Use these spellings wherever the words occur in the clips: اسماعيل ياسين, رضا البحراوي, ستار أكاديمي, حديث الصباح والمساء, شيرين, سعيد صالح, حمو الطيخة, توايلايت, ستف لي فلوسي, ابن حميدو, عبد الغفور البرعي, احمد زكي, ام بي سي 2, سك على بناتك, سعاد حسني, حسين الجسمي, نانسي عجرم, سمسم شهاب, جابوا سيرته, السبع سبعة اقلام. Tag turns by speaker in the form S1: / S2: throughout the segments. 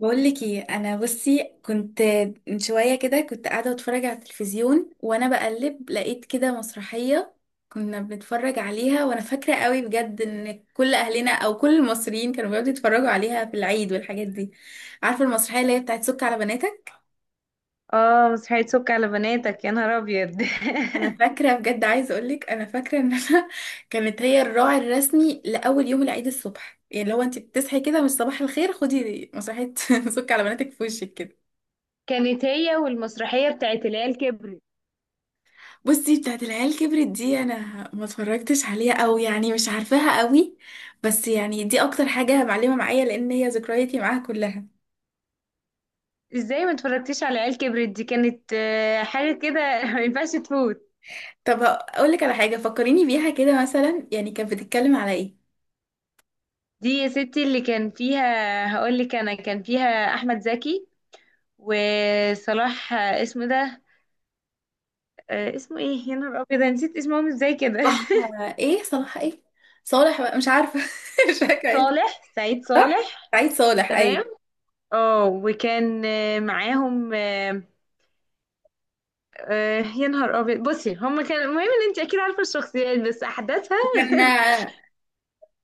S1: بقول لك ايه، انا بصي كنت من شويه كده كنت قاعده بتفرج على التلفزيون، وانا بقلب لقيت كده مسرحيه كنا بنتفرج عليها. وانا فاكره قوي بجد ان كل اهلنا او كل المصريين كانوا بيقعدوا يتفرجوا عليها في العيد والحاجات دي. عارفه المسرحيه اللي هي بتاعت سك على بناتك؟
S2: اه، مسرحية سك على بناتك، يا نهار ابيض.
S1: انا فاكره بجد، عايزه اقول لك انا فاكره ان انا كانت هي الراعي الرسمي لاول يوم العيد الصبح، يعني لو انت بتصحي كده مش صباح الخير، خدي مسرحيه سك على بناتك في وشك كده.
S2: كانت هي والمسرحية بتاعت العيال كبرت.
S1: بصي بتاعت العيال كبرت دي انا ما اتفرجتش عليها، او يعني مش عارفاها قوي. بس يعني دي اكتر حاجة معلمة معايا لان هي ذكرياتي معاها كلها.
S2: ازاي ما اتفرجتيش على العيال كبرت دي؟ كانت حاجة كده. ما ينفعش تفوت.
S1: طب اقول لك على حاجة فكريني بيها كده، مثلا يعني كانت بتتكلم على ايه؟
S2: دي يا ستي اللي كان فيها، هقول لك، انا كان فيها احمد زكي وصلاح، اسمه ده، اسمه ايه يا نهار ابيض، أنا نسيت اسمهم ازاي كده.
S1: صح. ايه صلاح ايه، صالح بقى مش عارفة. مش
S2: سعيد
S1: فاكرة ايه.
S2: صالح، سعيد
S1: صح،
S2: صالح.
S1: سعيد صالح، ايوه.
S2: تمام. اه، وكان معاهم، يا نهار ابيض. بصي، هما كان المهم ان انت اكيد عارفه الشخصيات بس احداثها.
S1: كان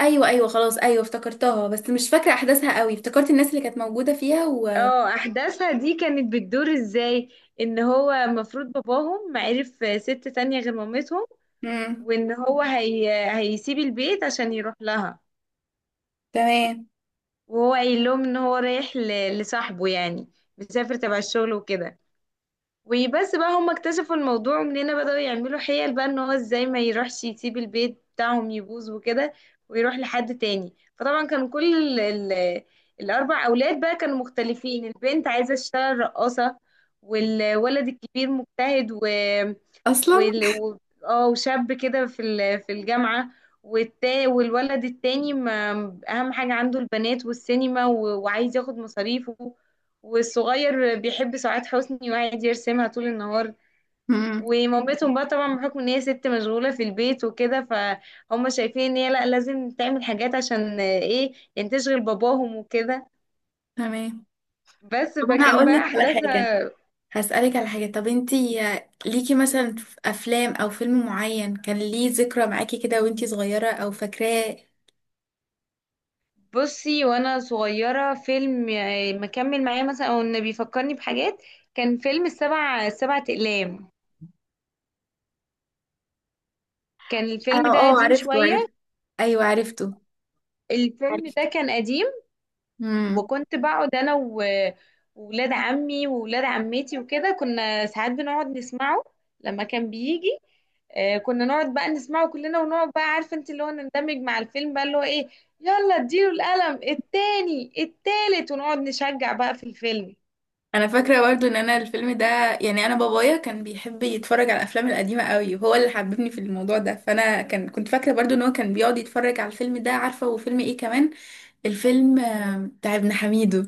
S1: ايوه ايوه، خلاص ايوه افتكرتها، بس مش فاكرة احداثها قوي، افتكرت الناس اللي كانت موجودة فيها و...
S2: اه، احداثها دي كانت بتدور ازاي؟ ان هو المفروض باباهم عرف ست تانية غير مامتهم،
S1: مم.
S2: وان هو هيسيب البيت عشان يروح لها.
S1: تمام.
S2: وهو قايل لهم ان هو رايح لصاحبه يعني، مسافر تبع الشغل وكده. وبس بقى، هم اكتشفوا الموضوع منين، بدأوا يعملوا حيل بقى، ان هو ازاي ما يروحش، يسيب البيت بتاعهم يبوظ وكده ويروح لحد تاني. فطبعا كان كل ال الاربع اولاد بقى كانوا مختلفين. البنت عايزة تشتغل رقاصة، والولد الكبير مجتهد و
S1: اصلا.
S2: وال- و- اه وشاب كده في الجامعة. والولد التاني، ما، اهم حاجة عنده البنات والسينما، وعايز ياخد مصاريفه. والصغير بيحب سعاد حسني وقاعد يرسمها طول النهار.
S1: مم.
S2: ومامتهم بقى طبعا، بحكم ان هي ست مشغولة في البيت وكده، فهم شايفين ان هي لا، لازم تعمل حاجات عشان ايه يعني، تشغل باباهم وكده.
S1: تمام.
S2: بس،
S1: طب انا
S2: فكان
S1: هقول
S2: بقى
S1: لك على حاجه،
S2: احداثها.
S1: هسألك على حاجه. طب انتي ليكي مثلا في افلام او فيلم معين كان ليه ذكرى معاكي كده وانتي صغيره او فاكراه؟
S2: بصي، وانا صغيرة فيلم مكمل معايا مثلا، او ان بيفكرني بحاجات، كان فيلم السبع سبعة اقلام. كان
S1: اه،
S2: الفيلم ده قديم
S1: عرفته
S2: شوية،
S1: عرفته. ايوه عرفته.
S2: الفيلم ده
S1: عرفته.
S2: كان قديم.
S1: امم.
S2: وكنت بقعد انا وولاد عمي وولاد عمتي وكده، كنا ساعات بنقعد نسمعه. لما كان بيجي، كنا نقعد بقى نسمعه كلنا، ونقعد بقى عارفه انت، اللي هو نندمج مع الفيلم بقى، اللي هو ايه، يلا اديله القلم التاني التالت، ونقعد نشجع بقى في الفيلم.
S1: انا فاكره برضو ان انا الفيلم ده، يعني انا بابايا كان بيحب يتفرج على الافلام القديمه قوي وهو اللي حببني في الموضوع ده، فانا كان كنت فاكره برضو ان هو كان بيقعد يتفرج على الفيلم ده عارفه. وفيلم ايه كمان؟ الفيلم بتاع ابن حميدو.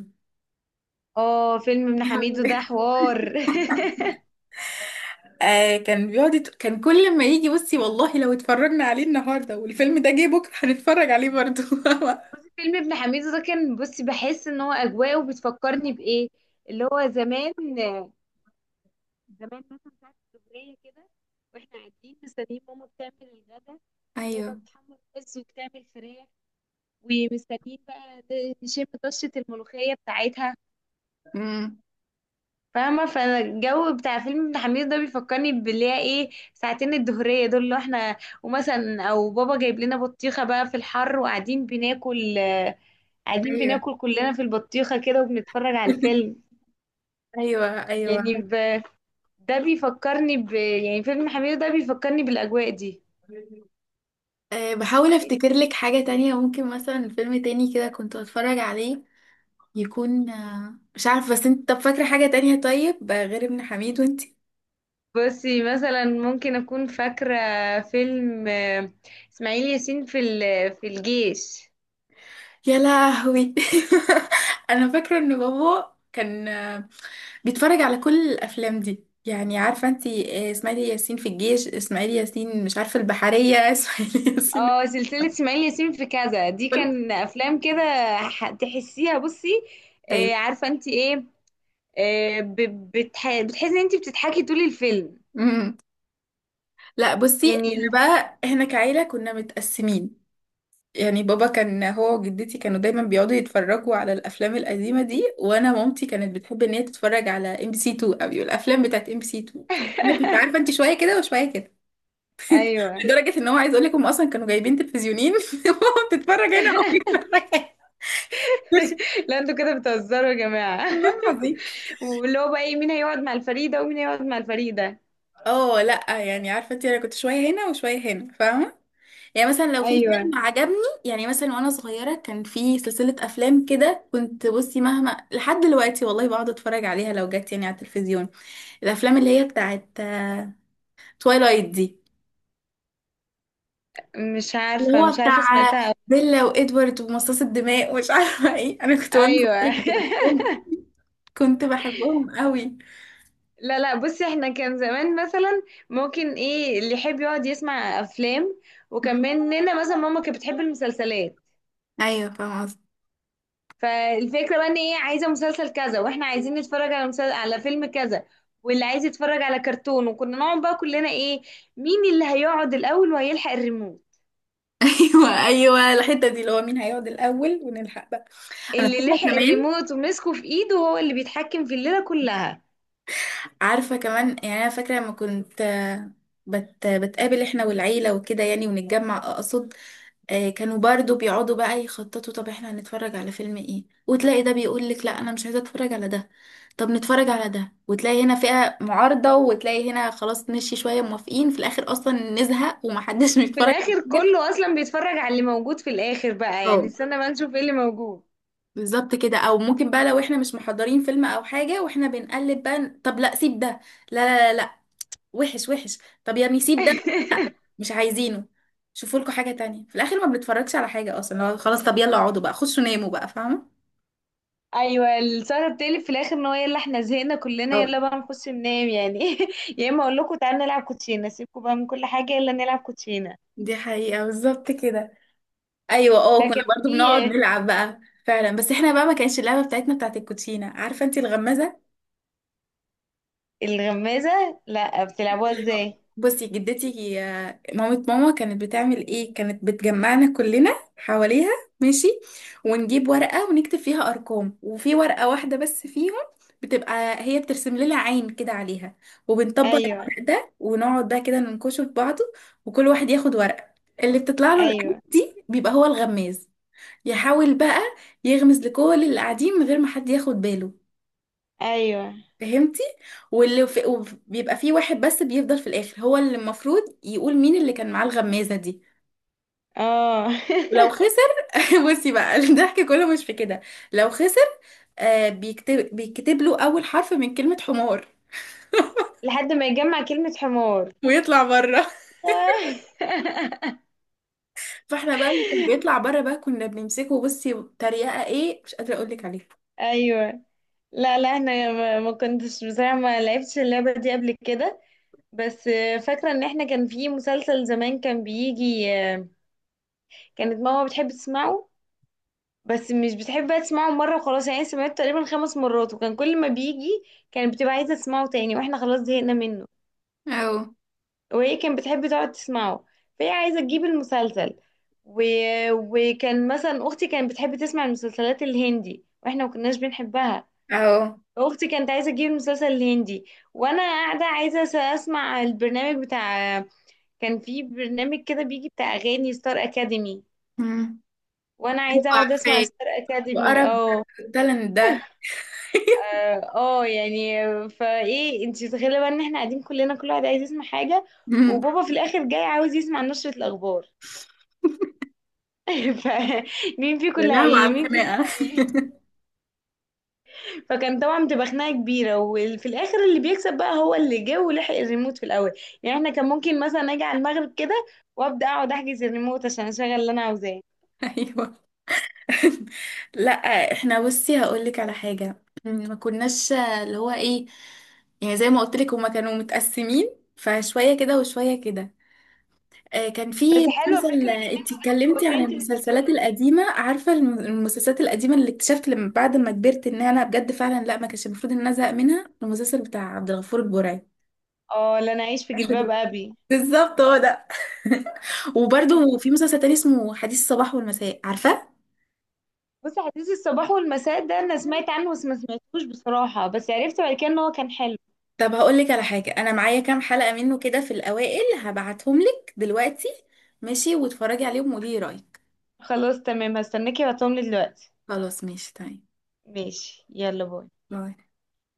S2: اه، فيلم ابن حميدو ده حوار.
S1: آه، كان كان كل ما يجي، بصي والله لو اتفرجنا عليه النهارده والفيلم ده جه بكره هنتفرج عليه برضه.
S2: بصي، فيلم ابن حميدو ده كان، بصي بحس ان هو اجواءه بتفكرني بايه، اللي هو زمان، زمان مثلا ساعة الظهرية كده، واحنا قاعدين مستنيين ماما بتعمل الغدا، اللي هي بقى
S1: ايوه.
S2: بتحمر رز وبتعمل فراخ، ومستنيين بقى نشم طشة الملوخية بتاعتها،
S1: امم.
S2: فاهمة. فانا الجو بتاع فيلم ابن حميد ده بيفكرني باللي هي ايه، ساعتين الظهرية دول اللي احنا، ومثلا او بابا جايب لنا بطيخة بقى في الحر، وقاعدين بناكل، قاعدين
S1: ايوه
S2: بناكل كلنا في البطيخة كده وبنتفرج على الفيلم.
S1: ايوه ايوه.
S2: يعني ده بيفكرني يعني فيلم حميد ده بيفكرني بالأجواء دي.
S1: أه بحاول افتكر لك حاجة تانية، ممكن مثلا فيلم تاني كده كنت اتفرج عليه، يكون مش عارف، بس انت طب فاكرة حاجة تانية طيب، غير ابن حميد وانتي؟
S2: بصي مثلا، ممكن اكون فاكره فيلم اسماعيل ياسين في الجيش.
S1: يا لهوي. انا فاكرة ان بابا كان بيتفرج على كل الافلام دي، يعني عارفه انت، اسماعيل ياسين في الجيش، اسماعيل ياسين مش عارفه البحريه اسماعيل ياسين.
S2: اه، سلسله اسماعيل ياسين في كذا دي
S1: كل.
S2: كان افلام كده، تحسيها، بصي
S1: طيب.
S2: عارفه انت ايه، بتحسي ان انت بتضحكي طول الفيلم.
S1: امم. لا بصي،
S2: يعني
S1: احنا بقى احنا كعيله كنا متقسمين. يعني بابا كان هو وجدتي كانوا دايما بيقعدوا يتفرجوا على الافلام القديمه دي، وانا مامتي كانت بتحب ان هي تتفرج على ام بي سي 2 قوي، الافلام بتاعت ام بي سي 2. فانا كنت عارفه انت شويه كده وشويه كده.
S2: ايوه.
S1: لدرجه ان هو، عايز اقول لك هم اصلا كانوا جايبين تلفزيونين ماما بتتفرج هنا وبتتفرج هنا.
S2: لا، انتوا كده بتهزروا يا جماعه.
S1: والله العظيم.
S2: واللي هو بقى ايه، مين هيقعد مع الفريده ومين هيقعد مع الفريده.
S1: اه لا، يعني عارفه انت انا كنت شويه هنا وشويه هنا فاهمه. يعني مثلا لو في
S2: ايوه،
S1: فيلم عجبني، يعني مثلا وانا صغيره كان في سلسله افلام كده، كنت بصي مهما لحد دلوقتي والله بقعد اتفرج عليها لو جت يعني على التلفزيون، الافلام اللي هي بتاعت توايلايت دي،
S2: مش
S1: اللي
S2: عارفه،
S1: هو
S2: مش
S1: بتاع
S2: عارفه سمعتها.
S1: بيلا وادوارد ومصاص الدماء ومش عارفه ايه. انا كنت وانا
S2: ايوه.
S1: صغيره كنت بحبهم، كنت بحبهم قوي.
S2: لا لا، بصي، احنا كان زمان مثلا، ممكن ايه اللي يحب يقعد يسمع افلام، وكان
S1: مم.
S2: مننا مثلا ماما كانت بتحب المسلسلات.
S1: ايوه فاهمه قصدي.
S2: فالفكره بقى ان ايه، عايزه مسلسل كذا، واحنا عايزين نتفرج على مسلسل، على فيلم كذا، واللي عايز يتفرج على كرتون. وكنا نقعد بقى كلنا ايه، مين اللي هيقعد الاول وهيلحق الريموت.
S1: ايوه ايوه، الحته دي اللي هو مين هيقعد الاول ونلحق بقى. انا
S2: اللي
S1: فاكره
S2: لحق
S1: كمان،
S2: الريموت ومسكه في ايده هو اللي بيتحكم في الليله كلها.
S1: عارفة كمان، يعني أنا فاكرة لما كنت بتقابل احنا والعيلة وكده يعني ونتجمع أقصد، كانوا برضو بيقعدوا بقى يخططوا طب احنا هنتفرج على فيلم ايه، وتلاقي ده بيقولك لا أنا مش عايزة أتفرج على ده، طب نتفرج على ده، وتلاقي هنا فئة معارضة وتلاقي هنا خلاص مشي شوية موافقين، في الآخر أصلا نزهق ومحدش
S2: في
S1: بيتفرج على
S2: الاخر
S1: حاجة.
S2: كله اصلا بيتفرج على اللي موجود في الاخر بقى، يعني
S1: اه
S2: استنى ما نشوف ايه اللي موجود.
S1: بالظبط كده، او ممكن بقى لو احنا مش محضرين فيلم او حاجه واحنا بنقلب بقى، طب لا سيب ده، لا لا لا لا، وحش وحش، طب يا نسيب ده، لا مش عايزينه، شوفوا لكم حاجة تانية. في الآخر ما بنتفرجش على حاجة أصلا، لو خلاص طب يلا اقعدوا بقى خشوا ناموا بقى فاهمة.
S2: ايوه، السهره بتقلب في الاخر ان هو، يلا احنا زهقنا كلنا،
S1: أو.
S2: يلا بقى نخش ننام يعني. يا اما اقول لكم تعالوا نلعب كوتشينه، سيبكم بقى من كل حاجه، يلا نلعب كوتشينه.
S1: دي حقيقة بالظبط كده. أيوة اه كنا
S2: لكن
S1: برضو
S2: في
S1: بنقعد نلعب بقى، فعلا، بس احنا بقى ما كانش اللعبة بتاعتنا بتاعت الكوتشينة، عارفة انتي الغمازة؟
S2: الغمازه، لا بتلعبوها
S1: اللي هو،
S2: ازاي؟
S1: بصي جدتي مامة ماما كانت بتعمل ايه، كانت بتجمعنا كلنا حواليها، ماشي، ونجيب ورقة ونكتب فيها أرقام، وفي ورقة واحدة بس فيهم بتبقى هي بترسم لنا عين كده عليها، وبنطبق
S2: ايوه،
S1: الورق ده ونقعد بقى كده ننكشه في بعضه، وكل واحد ياخد ورقة، اللي بتطلع له العين
S2: ايوه،
S1: دي بيبقى هو الغماز، يحاول بقى يغمز لكل اللي قاعدين من غير ما حد ياخد باله،
S2: ايوه،
S1: فهمتي؟ وبيبقى فيه واحد بس بيفضل في الاخر، هو اللي المفروض يقول مين اللي كان معاه الغمازة دي.
S2: اه.
S1: ولو خسر بصي بقى الضحك كله مش في كده. لو خسر، آه بيكتب له اول حرف من كلمة حمار.
S2: لحد ما يجمع كلمه حمار.
S1: ويطلع بره. فاحنا بقى اللي كان بيطلع بره بقى كنا بنمسكه، بصي تريقة ايه مش قادرة اقول لك عليها.
S2: ايوه. لا لا، احنا ما كنتش، بصراحه ما لعبتش اللعبه دي قبل كده. بس فاكره ان احنا كان في مسلسل زمان كان بيجي، كانت ماما بتحب تسمعه، بس مش بتحب بقى تسمعه مرة وخلاص يعني، سمعته تقريبا 5 مرات. وكان كل ما بيجي كانت بتبقى عايزة تسمعه تاني، واحنا خلاص زهقنا منه.
S1: أو.
S2: وهي كانت بتحب تقعد تسمعه، فهي عايزة تجيب المسلسل و... وكان مثلا أختي كانت بتحب تسمع المسلسلات الهندي، واحنا ما كناش بنحبها.
S1: اهو.
S2: أختي كانت عايزة تجيب المسلسل الهندي، وأنا قاعدة عايزة أسمع البرنامج بتاع، كان في برنامج كده بيجي بتاع أغاني ستار أكاديمي،
S1: مم.
S2: وأنا
S1: ايوه
S2: عايزة أقعد أسمع
S1: عارفاه،
S2: ستار أكاديمي.
S1: وقرب
S2: اه،
S1: التالنت ده.
S2: اه، يعني فايه انت متخيله بقى ان احنا قاعدين كلنا، كل واحد عايز يسمع حاجه،
S1: مم.
S2: وبابا في الاخر جاي عاوز يسمع نشره الاخبار. فمين فيكم،
S1: يا
S2: اللي
S1: لهوي
S2: هي
S1: على
S2: مين فيكم،
S1: الخناقة.
S2: اللي هي، فكان طبعا بتبقى خناقه كبيره، وفي الاخر اللي بيكسب بقى هو اللي جه ولحق الريموت في الاول. يعني احنا كان ممكن مثلا اجي على المغرب كده، وابدا اقعد احجز الريموت عشان اشغل اللي انا عاوزاه.
S1: ايوه. لا احنا بصي هقول لك على حاجه، يعني ما كناش اللي هو ايه، يعني زي ما قلت لك هما كانوا متقسمين، فشويه كده وشويه كده. كان في
S2: بس حلوه
S1: مسلسل
S2: فكره ان
S1: انت
S2: انتوا جبتوا
S1: اتكلمتي عن
S2: 2 تلفزيون
S1: المسلسلات
S2: دي.
S1: القديمه، عارفه المسلسلات القديمه اللي اكتشفت لما بعد ما كبرت ان انا بجد فعلا لا ما كانش المفروض ان انا ازهق منها، المسلسل بتاع عبد الغفور البرعي.
S2: اه، لا، انا عايش في
S1: عارفة دي؟
S2: جلباب ابي.
S1: بالظبط هو ده. وبرده في مسلسل تاني اسمه حديث الصباح والمساء، عارفه؟
S2: بصي، حديث الصباح والمساء ده انا سمعت عنه، بس ما سمعتوش بصراحة، بس عرفت بعد كده ان هو كان حلو.
S1: طب هقول لك على حاجة، أنا معايا كام حلقة منه كده في الأوائل، هبعتهم لك دلوقتي. ماشي واتفرجي عليهم وقولي رأيك.
S2: خلاص تمام، هستناكي وهتقوملي دلوقتي.
S1: خلاص ماشي تمام.
S2: ماشي، يلا باي.
S1: باي.